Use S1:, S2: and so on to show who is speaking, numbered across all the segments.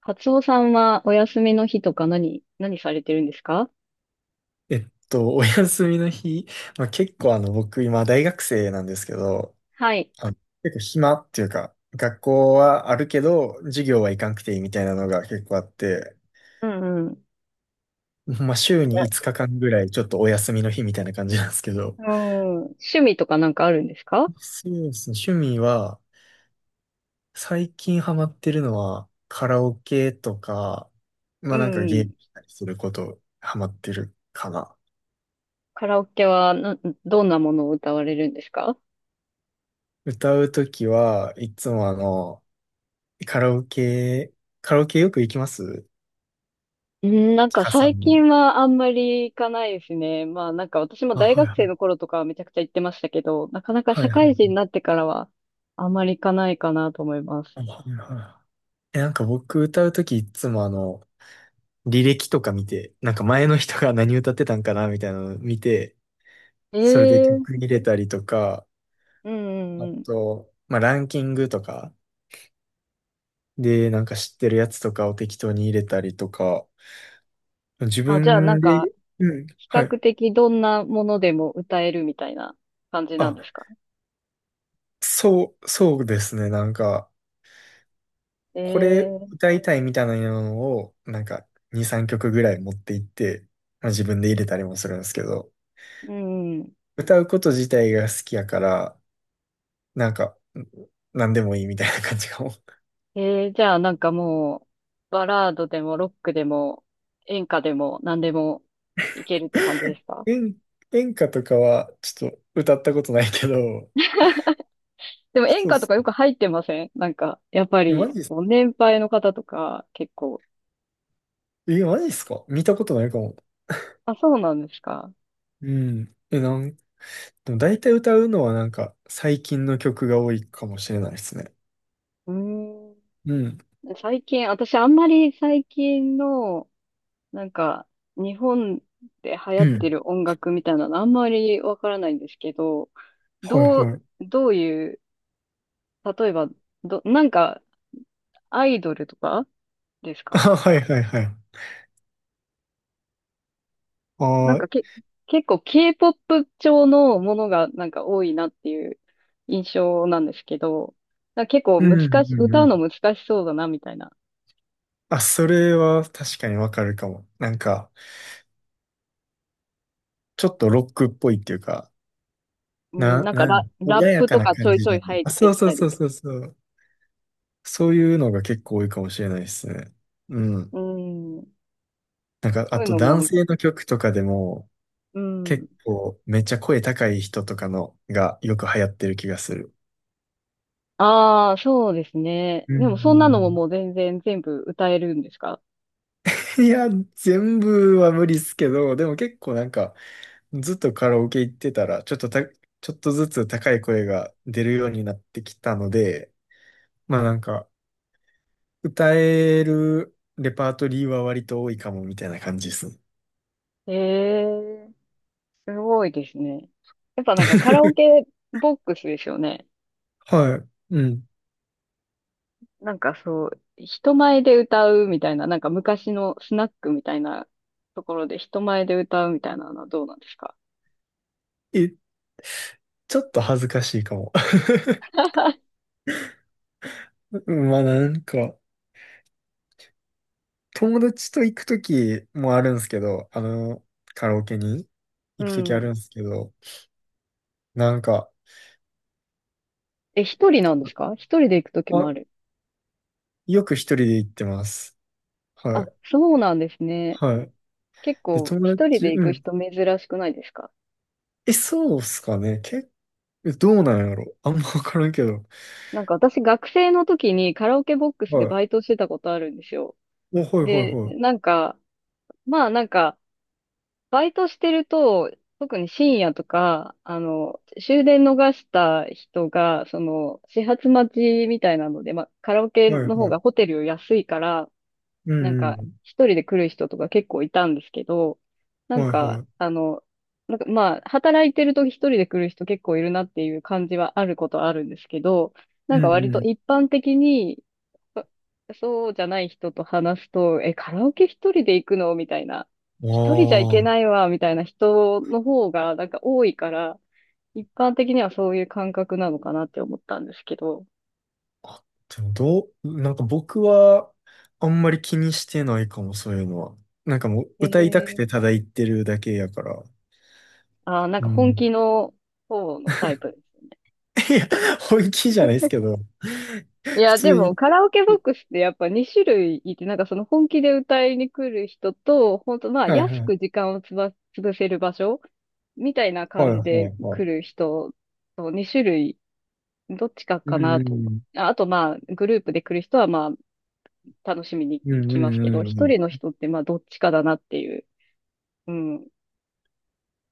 S1: カツオさんはお休みの日とか何されてるんですか？
S2: お休みの日、まあ、結構僕今大学生なんですけど、
S1: はい。
S2: あの、結構暇っていうか、学校はあるけど、授業は行かんくていいみたいなのが結構あって、
S1: うんうん。
S2: まあ、週に5日間ぐらいちょっとお休みの日みたいな感じなんですけど、
S1: うん。趣味とかなんかあるんですか？
S2: そうですね、趣味は、最近ハマってるのは、カラオケとか、ま
S1: う
S2: あなん
S1: ん
S2: か
S1: う
S2: ゲー
S1: ん。
S2: ムしたりすること、ハマってるかな。
S1: カラオケはな、どんなものを歌われるんですか？
S2: 歌うときはいつもカラオケ、カラオケよく行きます。
S1: うん、なん
S2: ち
S1: か
S2: かさん
S1: 最
S2: も？
S1: 近はあんまり行かないですね。まあなんか私も
S2: あ、
S1: 大
S2: はい
S1: 学
S2: は
S1: 生
S2: い。
S1: の頃とかはめちゃくちゃ行ってましたけど、なかなか
S2: は
S1: 社
S2: いは
S1: 会人
S2: い。
S1: になってからはあんまり行かないかなと思います。
S2: あ、はいはい。なんか僕歌うときいつも履歴とか見て、なんか前の人が何歌ってたんかなみたいなの見て、
S1: え
S2: それで曲
S1: え。
S2: 入れたりとか、
S1: うんう
S2: あ
S1: んうん。
S2: と、まあランキングとかでなんか知ってるやつとかを適当に入れたりとか、自
S1: あ、じゃあなん
S2: 分
S1: か
S2: で、うん、
S1: 比
S2: は
S1: 較
S2: い。
S1: 的どんなものでも歌えるみたいな感じなんで
S2: あ、
S1: すか？
S2: そう、そうですね。なんか、これ
S1: ええ。
S2: 歌いたいみたいなのを、なんか2、3曲ぐらい持っていって、まあ、自分で入れたりもするんですけど、
S1: うん。
S2: 歌うこと自体が好きやから、なんか、なんでもいいみたいな感じかも。
S1: じゃあなんかもう、バラードでもロックでも演歌でも何でもいけるって感じで すか？
S2: 演、演歌とかはちょっと歌ったことないけど、
S1: でも演
S2: そうっ
S1: 歌と
S2: す。
S1: かよく入ってませんなんか、やっぱ
S2: マ
S1: り、
S2: ジっす、
S1: もう年配の方とか結構。
S2: マジっすか。見たことないかも。
S1: あ、そうなんですか。
S2: うん。え、なん、でも大体歌うのはなんか最近の曲が多いかもしれないですね。
S1: うー
S2: うん。
S1: ん。最近、私あんまり最近のなんか、日本で流行
S2: う
S1: って
S2: ん。
S1: る音楽みたいなのあんまりわからないんですけど、
S2: はい
S1: どう、
S2: はい。
S1: どういう、例えば、なんか、アイドルとかです
S2: あ、
S1: か？
S2: はいはいはい。
S1: なん
S2: あ、
S1: かけ、結構 K-POP 調のものがなんか多いなっていう印象なんですけど、なんか結構
S2: うんうん
S1: 歌
S2: う
S1: う
S2: ん。
S1: の難しそうだなみたいな。
S2: あ、それは確かにわかるかも。なんか、ちょっとロックっぽいっていうか、
S1: うん、
S2: な、
S1: なんか
S2: な
S1: ラ、
S2: ん、穏
S1: ラッ
S2: や
S1: プ
S2: か
S1: と
S2: な
S1: かち
S2: 感
S1: ょい
S2: じ
S1: ちょ
S2: じゃ
S1: い
S2: ない。
S1: 入っ
S2: あ、そ
S1: て
S2: う
S1: き
S2: そ
S1: た
S2: うそ
S1: り。
S2: うそうそう。そういうのが結構多いかもしれないですね。うん。
S1: うん、
S2: なんか、
S1: そ
S2: あ
S1: ういう
S2: と
S1: の
S2: 男
S1: も、
S2: 性の曲とかでも、
S1: うん。
S2: 結構めっちゃ声高い人とかのがよく流行ってる気がする。
S1: ああ、そうですね。
S2: うんう
S1: でもそんなのも
S2: ん
S1: もう全然全部歌えるんですか？
S2: うん。いや、全部は無理っすけど、でも結構なんか、ずっとカラオケ行ってたら、ちょっとずつ高い声が出るようになってきたので、まあなんか、歌えるレパートリーは割と多いかもみたいな感じですね。
S1: ええ、すごいですね。やっぱなんかカラオ ケボックスですよね。
S2: はい。うん。
S1: なんかそう、人前で歌うみたいな、なんか昔のスナックみたいなところで人前で歌うみたいなのはどうなんですか？
S2: え、ちょっと恥ずかしいかも。まあなんか、友達と行くときもあるんですけど、カラオケに
S1: う
S2: 行くときあ
S1: ん。
S2: るんですけど、なんか、
S1: え、一人なんですか？一人で行くときも
S2: あ、
S1: ある。
S2: よく一人で行ってます。は
S1: あ、
S2: い。
S1: そうなんですね。
S2: はい。
S1: 結
S2: で、
S1: 構
S2: 友
S1: 一人
S2: 達、
S1: で行
S2: う
S1: く
S2: ん。
S1: 人珍しくないですか？
S2: え、そうっすかね。どうなんやろ。あんまわからんけど。
S1: なんか私学生の時にカラオケボックスで
S2: はい。
S1: バイトしてたことあるんですよ。
S2: お、はいはい
S1: で、
S2: は
S1: なんか、まあなんか、バイトしてると、特に深夜とか、終電逃した人が、始発待ちみたいなので、まあカラオケ
S2: い。はい
S1: の方
S2: は
S1: が
S2: い。
S1: ホテルより安いから、
S2: う
S1: なん
S2: んう
S1: か、
S2: ん。
S1: 一人で来る人とか結構いたんですけど、な
S2: は
S1: ん
S2: い
S1: か、
S2: はい。
S1: なんかまあ、働いてると一人で来る人結構いるなっていう感じはあることはあるんですけど、な
S2: う
S1: んか割と
S2: ん
S1: 一般的に そそうじゃない人と話すと、え、カラオケ一人で行くのみたいな。
S2: う
S1: 一人じゃ行
S2: ん。
S1: け
S2: ああ、
S1: ないわ、みたいな人の方が、なんか多いから、一般的にはそういう感覚なのかなって思ったんですけど。
S2: でもなんか僕はあんまり気にしてないかも、そういうのは。なんかもう
S1: え
S2: 歌いたく
S1: ー、
S2: てただ言ってるだけやから。
S1: あー、なん
S2: う
S1: か本
S2: ん。
S1: 気の方のタイプですね。
S2: いや、本気じゃないですけど。
S1: い
S2: 普
S1: や、で
S2: 通に。
S1: もカラオケボックスってやっぱ2種類いて、なんかその本気で歌いに来る人と、本当まあ
S2: はい
S1: 安
S2: はい。
S1: く時間を潰せる場所みたいな
S2: は
S1: 感
S2: い
S1: じ
S2: はい
S1: で
S2: は
S1: 来
S2: い。
S1: る人と2種類どっちか
S2: う
S1: かな
S2: んう
S1: と思っ
S2: ん。
S1: て。ああとまあ、グループで来る人はまあ、楽しみに
S2: うん
S1: 来
S2: う
S1: ますけど、
S2: んうんう
S1: 一
S2: ん。
S1: 人の人ってまあ、どっちかだなっていう。うん。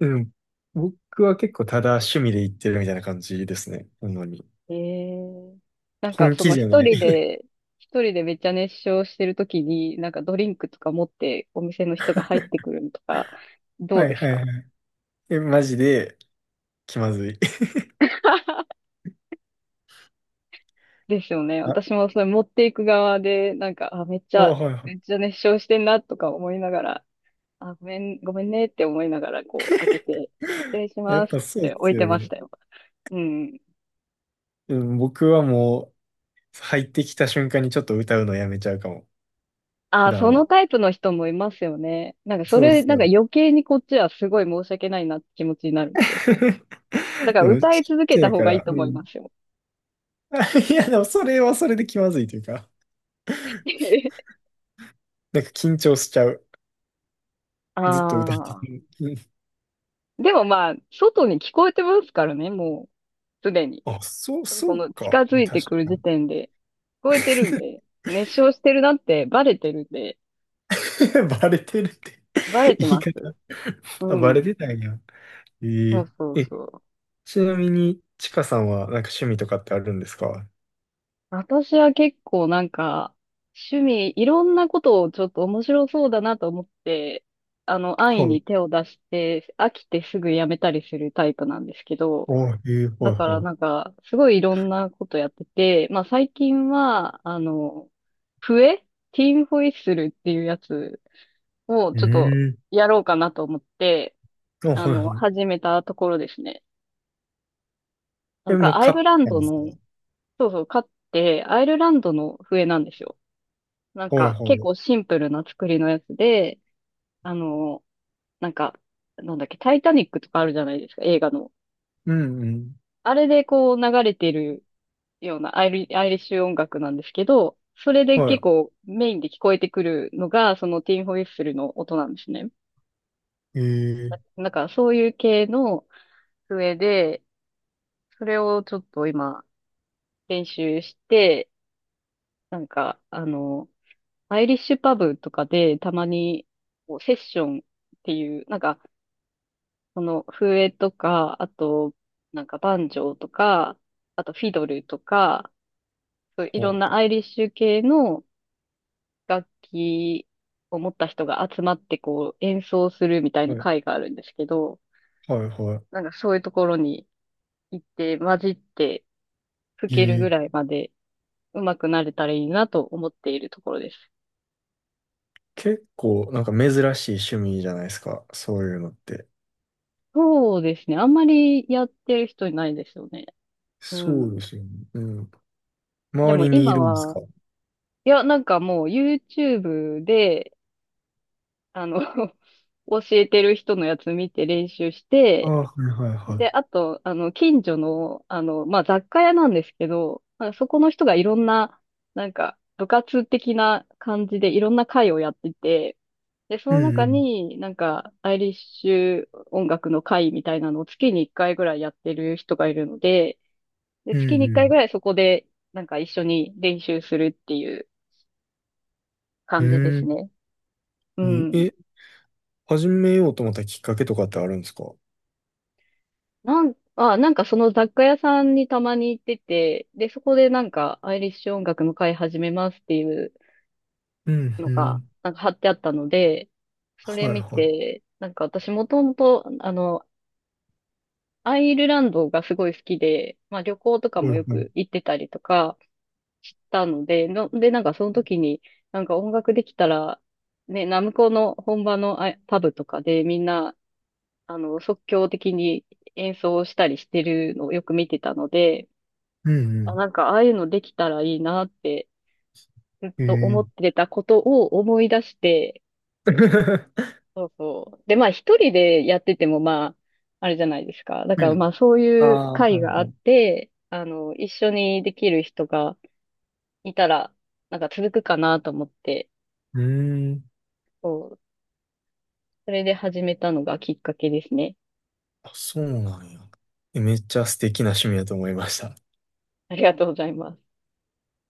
S2: うん。僕は結構ただ趣味で行ってるみたいな感じですね。なのに。
S1: ええ。なんか
S2: 本
S1: そ
S2: 気
S1: の
S2: じゃな
S1: 一
S2: い。
S1: 人 で、一人でめっちゃ熱唱してるときに、なんかドリンクとか持ってお店の人が入ってくるのとか、ど
S2: は
S1: う
S2: い
S1: です
S2: はい
S1: か？
S2: はい。え、マジで気まずい。
S1: ですよね。
S2: あ、
S1: 私もそれ持っていく側で、なんか、あ、めっち
S2: あ、
S1: ゃ、
S2: はいは
S1: めっちゃ熱唱してんなとか思いながら、あ、ごめん、ごめんねって思いながら、こう、開けて、失礼し
S2: い。やっ
S1: ますっ
S2: ぱそう
S1: て
S2: で
S1: 置
S2: す
S1: いて
S2: よ
S1: まし
S2: ね。
S1: たよ。うん。
S2: うん、僕はもう入ってきた瞬間にちょっと歌うのやめちゃうかも。普
S1: あ、そ
S2: 段
S1: の
S2: は。
S1: タイプの人もいますよね。なんかそ
S2: そうっ
S1: れ、
S2: す
S1: なん
S2: よ
S1: か
S2: ね。
S1: 余計にこっちはすごい申し訳ないなって気持ちになるんですよ。だから
S2: でも、ち
S1: 歌
S2: っ
S1: い続け
S2: ち
S1: た
S2: ゃい
S1: 方
S2: か
S1: がいい
S2: ら。
S1: と
S2: う
S1: 思い
S2: ん。
S1: ますよ。
S2: あ、いや、でもそれはそれで気まずいというか。なんか緊張しちゃう。
S1: あ
S2: ずっと歌って
S1: あ。
S2: て。うん。
S1: でもまあ、外に聞こえてますからね、もう、すでに。
S2: あ、そう、
S1: こ
S2: そう
S1: の近
S2: か。
S1: づいて
S2: 確
S1: くる
S2: か
S1: 時
S2: に。
S1: 点で、聞こえてるんで、熱唱してるなってバレてるんで、
S2: バレてるって
S1: バレて
S2: 言い
S1: ま
S2: 方。
S1: す。う
S2: あ、バレ
S1: ん。
S2: てたんや。え
S1: そう
S2: ー
S1: そう
S2: え、
S1: そう。
S2: ちなみに、ちかさんはなんか趣味とかってあるんですか？は
S1: 私は結構なんか、趣味、いろんなことをちょっと面白そうだなと思って、安易
S2: い。
S1: に手を出して、飽きてすぐやめたりするタイプなんですけど、
S2: おは
S1: だ
S2: い
S1: から
S2: は
S1: なんか、すごいいろんなことやってて、まあ最近は、笛ティーンホイッスルっていうやつを
S2: い。う
S1: ちょっと
S2: ーん。
S1: やろうかなと思って、
S2: あ、はいは
S1: 始めたところですね。な
S2: い。
S1: ん
S2: え、も
S1: か
S2: う
S1: アイ
S2: 買っ
S1: ルラン
S2: たん
S1: ド
S2: ですか？
S1: の、そうそう、買って、アイルランドの笛なんですよ。なん
S2: はいは
S1: か、結
S2: い。
S1: 構シンプルな作りのやつで、あの、なんか、なんだっけ、タイタニックとかあるじゃないですか、映画の。
S2: うんうん。
S1: あれでこう流れてるようなアイリッシュ音楽なんですけど、それで結
S2: は
S1: 構メインで聞こえてくるのが、そのティンホイッスルの音なんですね。
S2: い。ー、
S1: なんか、そういう系の笛で、それをちょっと今、練習して、なんか、アイリッシュパブとかでたまにこうセッションっていう、なんか、その笛とか、あと、なんかバンジョーとか、あとフィドルとか、そういろん
S2: は
S1: な
S2: あ、
S1: アイリッシュ系の楽器を持った人が集まってこう演奏するみたい
S2: は
S1: な
S2: い
S1: 会があるんですけど、
S2: はいは
S1: なんかそういうところに行って混じって吹
S2: い。
S1: けるぐらいまで上手くなれたらいいなと思っているところです。
S2: 結構なんか珍しい趣味じゃないですか。そういうのって。
S1: そうですね。あんまりやってる人いないですよね。う
S2: そうで
S1: ん。
S2: すよね。うん。
S1: で
S2: 周
S1: も
S2: りにい
S1: 今
S2: るんです
S1: は、
S2: か？
S1: いや、なんかもう YouTube で、あの、教えてる人のやつ見て練習し
S2: ああ、
S1: て、
S2: はいはいは
S1: で、あと、近所の、まあ、雑貨屋なんですけど、まあ、そこの人がいろんな、なんか、部活的な感じでいろんな会をやってて、で、そ
S2: い。う
S1: の
S2: んう
S1: 中
S2: ん。
S1: になんか、アイリッシュ音楽の会みたいなのを月に1回ぐらいやってる人がいるので、で、
S2: う
S1: 月に1
S2: んう
S1: 回ぐ
S2: ん。
S1: らいそこで、なんか一緒に練習するっていう
S2: う
S1: 感じで
S2: ー
S1: す
S2: ん。
S1: ね。う
S2: え、
S1: ん。
S2: え始めようと思ったきっかけとかってあるんですか？
S1: なんかその雑貨屋さんにたまに行ってて、で、そこでなんかアイリッシュ音楽の会始めますっていう
S2: うん、
S1: の
S2: う
S1: が、
S2: ん。
S1: なんか貼ってあったので、そ
S2: は
S1: れ
S2: い、
S1: 見
S2: は
S1: て、なんか私もともと、アイルランドがすごい好きで、まあ旅行と
S2: い。
S1: か
S2: お
S1: も
S2: い、は
S1: よく
S2: い。
S1: 行ってたりとかしたので、で、なんかその時に、なんか音楽できたら、ね、ナムコの本場のあパブとかでみんな、即興的に演奏したりしてるのをよく見てたので、
S2: う
S1: あ、
S2: ん、
S1: なんか、ああいうのできたらいいなって、ずっ
S2: う
S1: と
S2: ん。
S1: 思っ
S2: ー
S1: てたことを思い出して、そうそう。で、まあ、一人でやってても、まあ、あれじゃないですか。だ
S2: う
S1: から、ま
S2: ん。
S1: あ、そう
S2: あ
S1: いう
S2: あ、
S1: 会
S2: はい、
S1: があっ
S2: はい。
S1: て、一緒にできる人がいたら、なんか続くかなと思って、
S2: うーん。
S1: そう。それで始めたのがきっかけですね。
S2: あ、そうなんや。めっちゃ素敵な趣味だと思いました。
S1: ありがとうございます。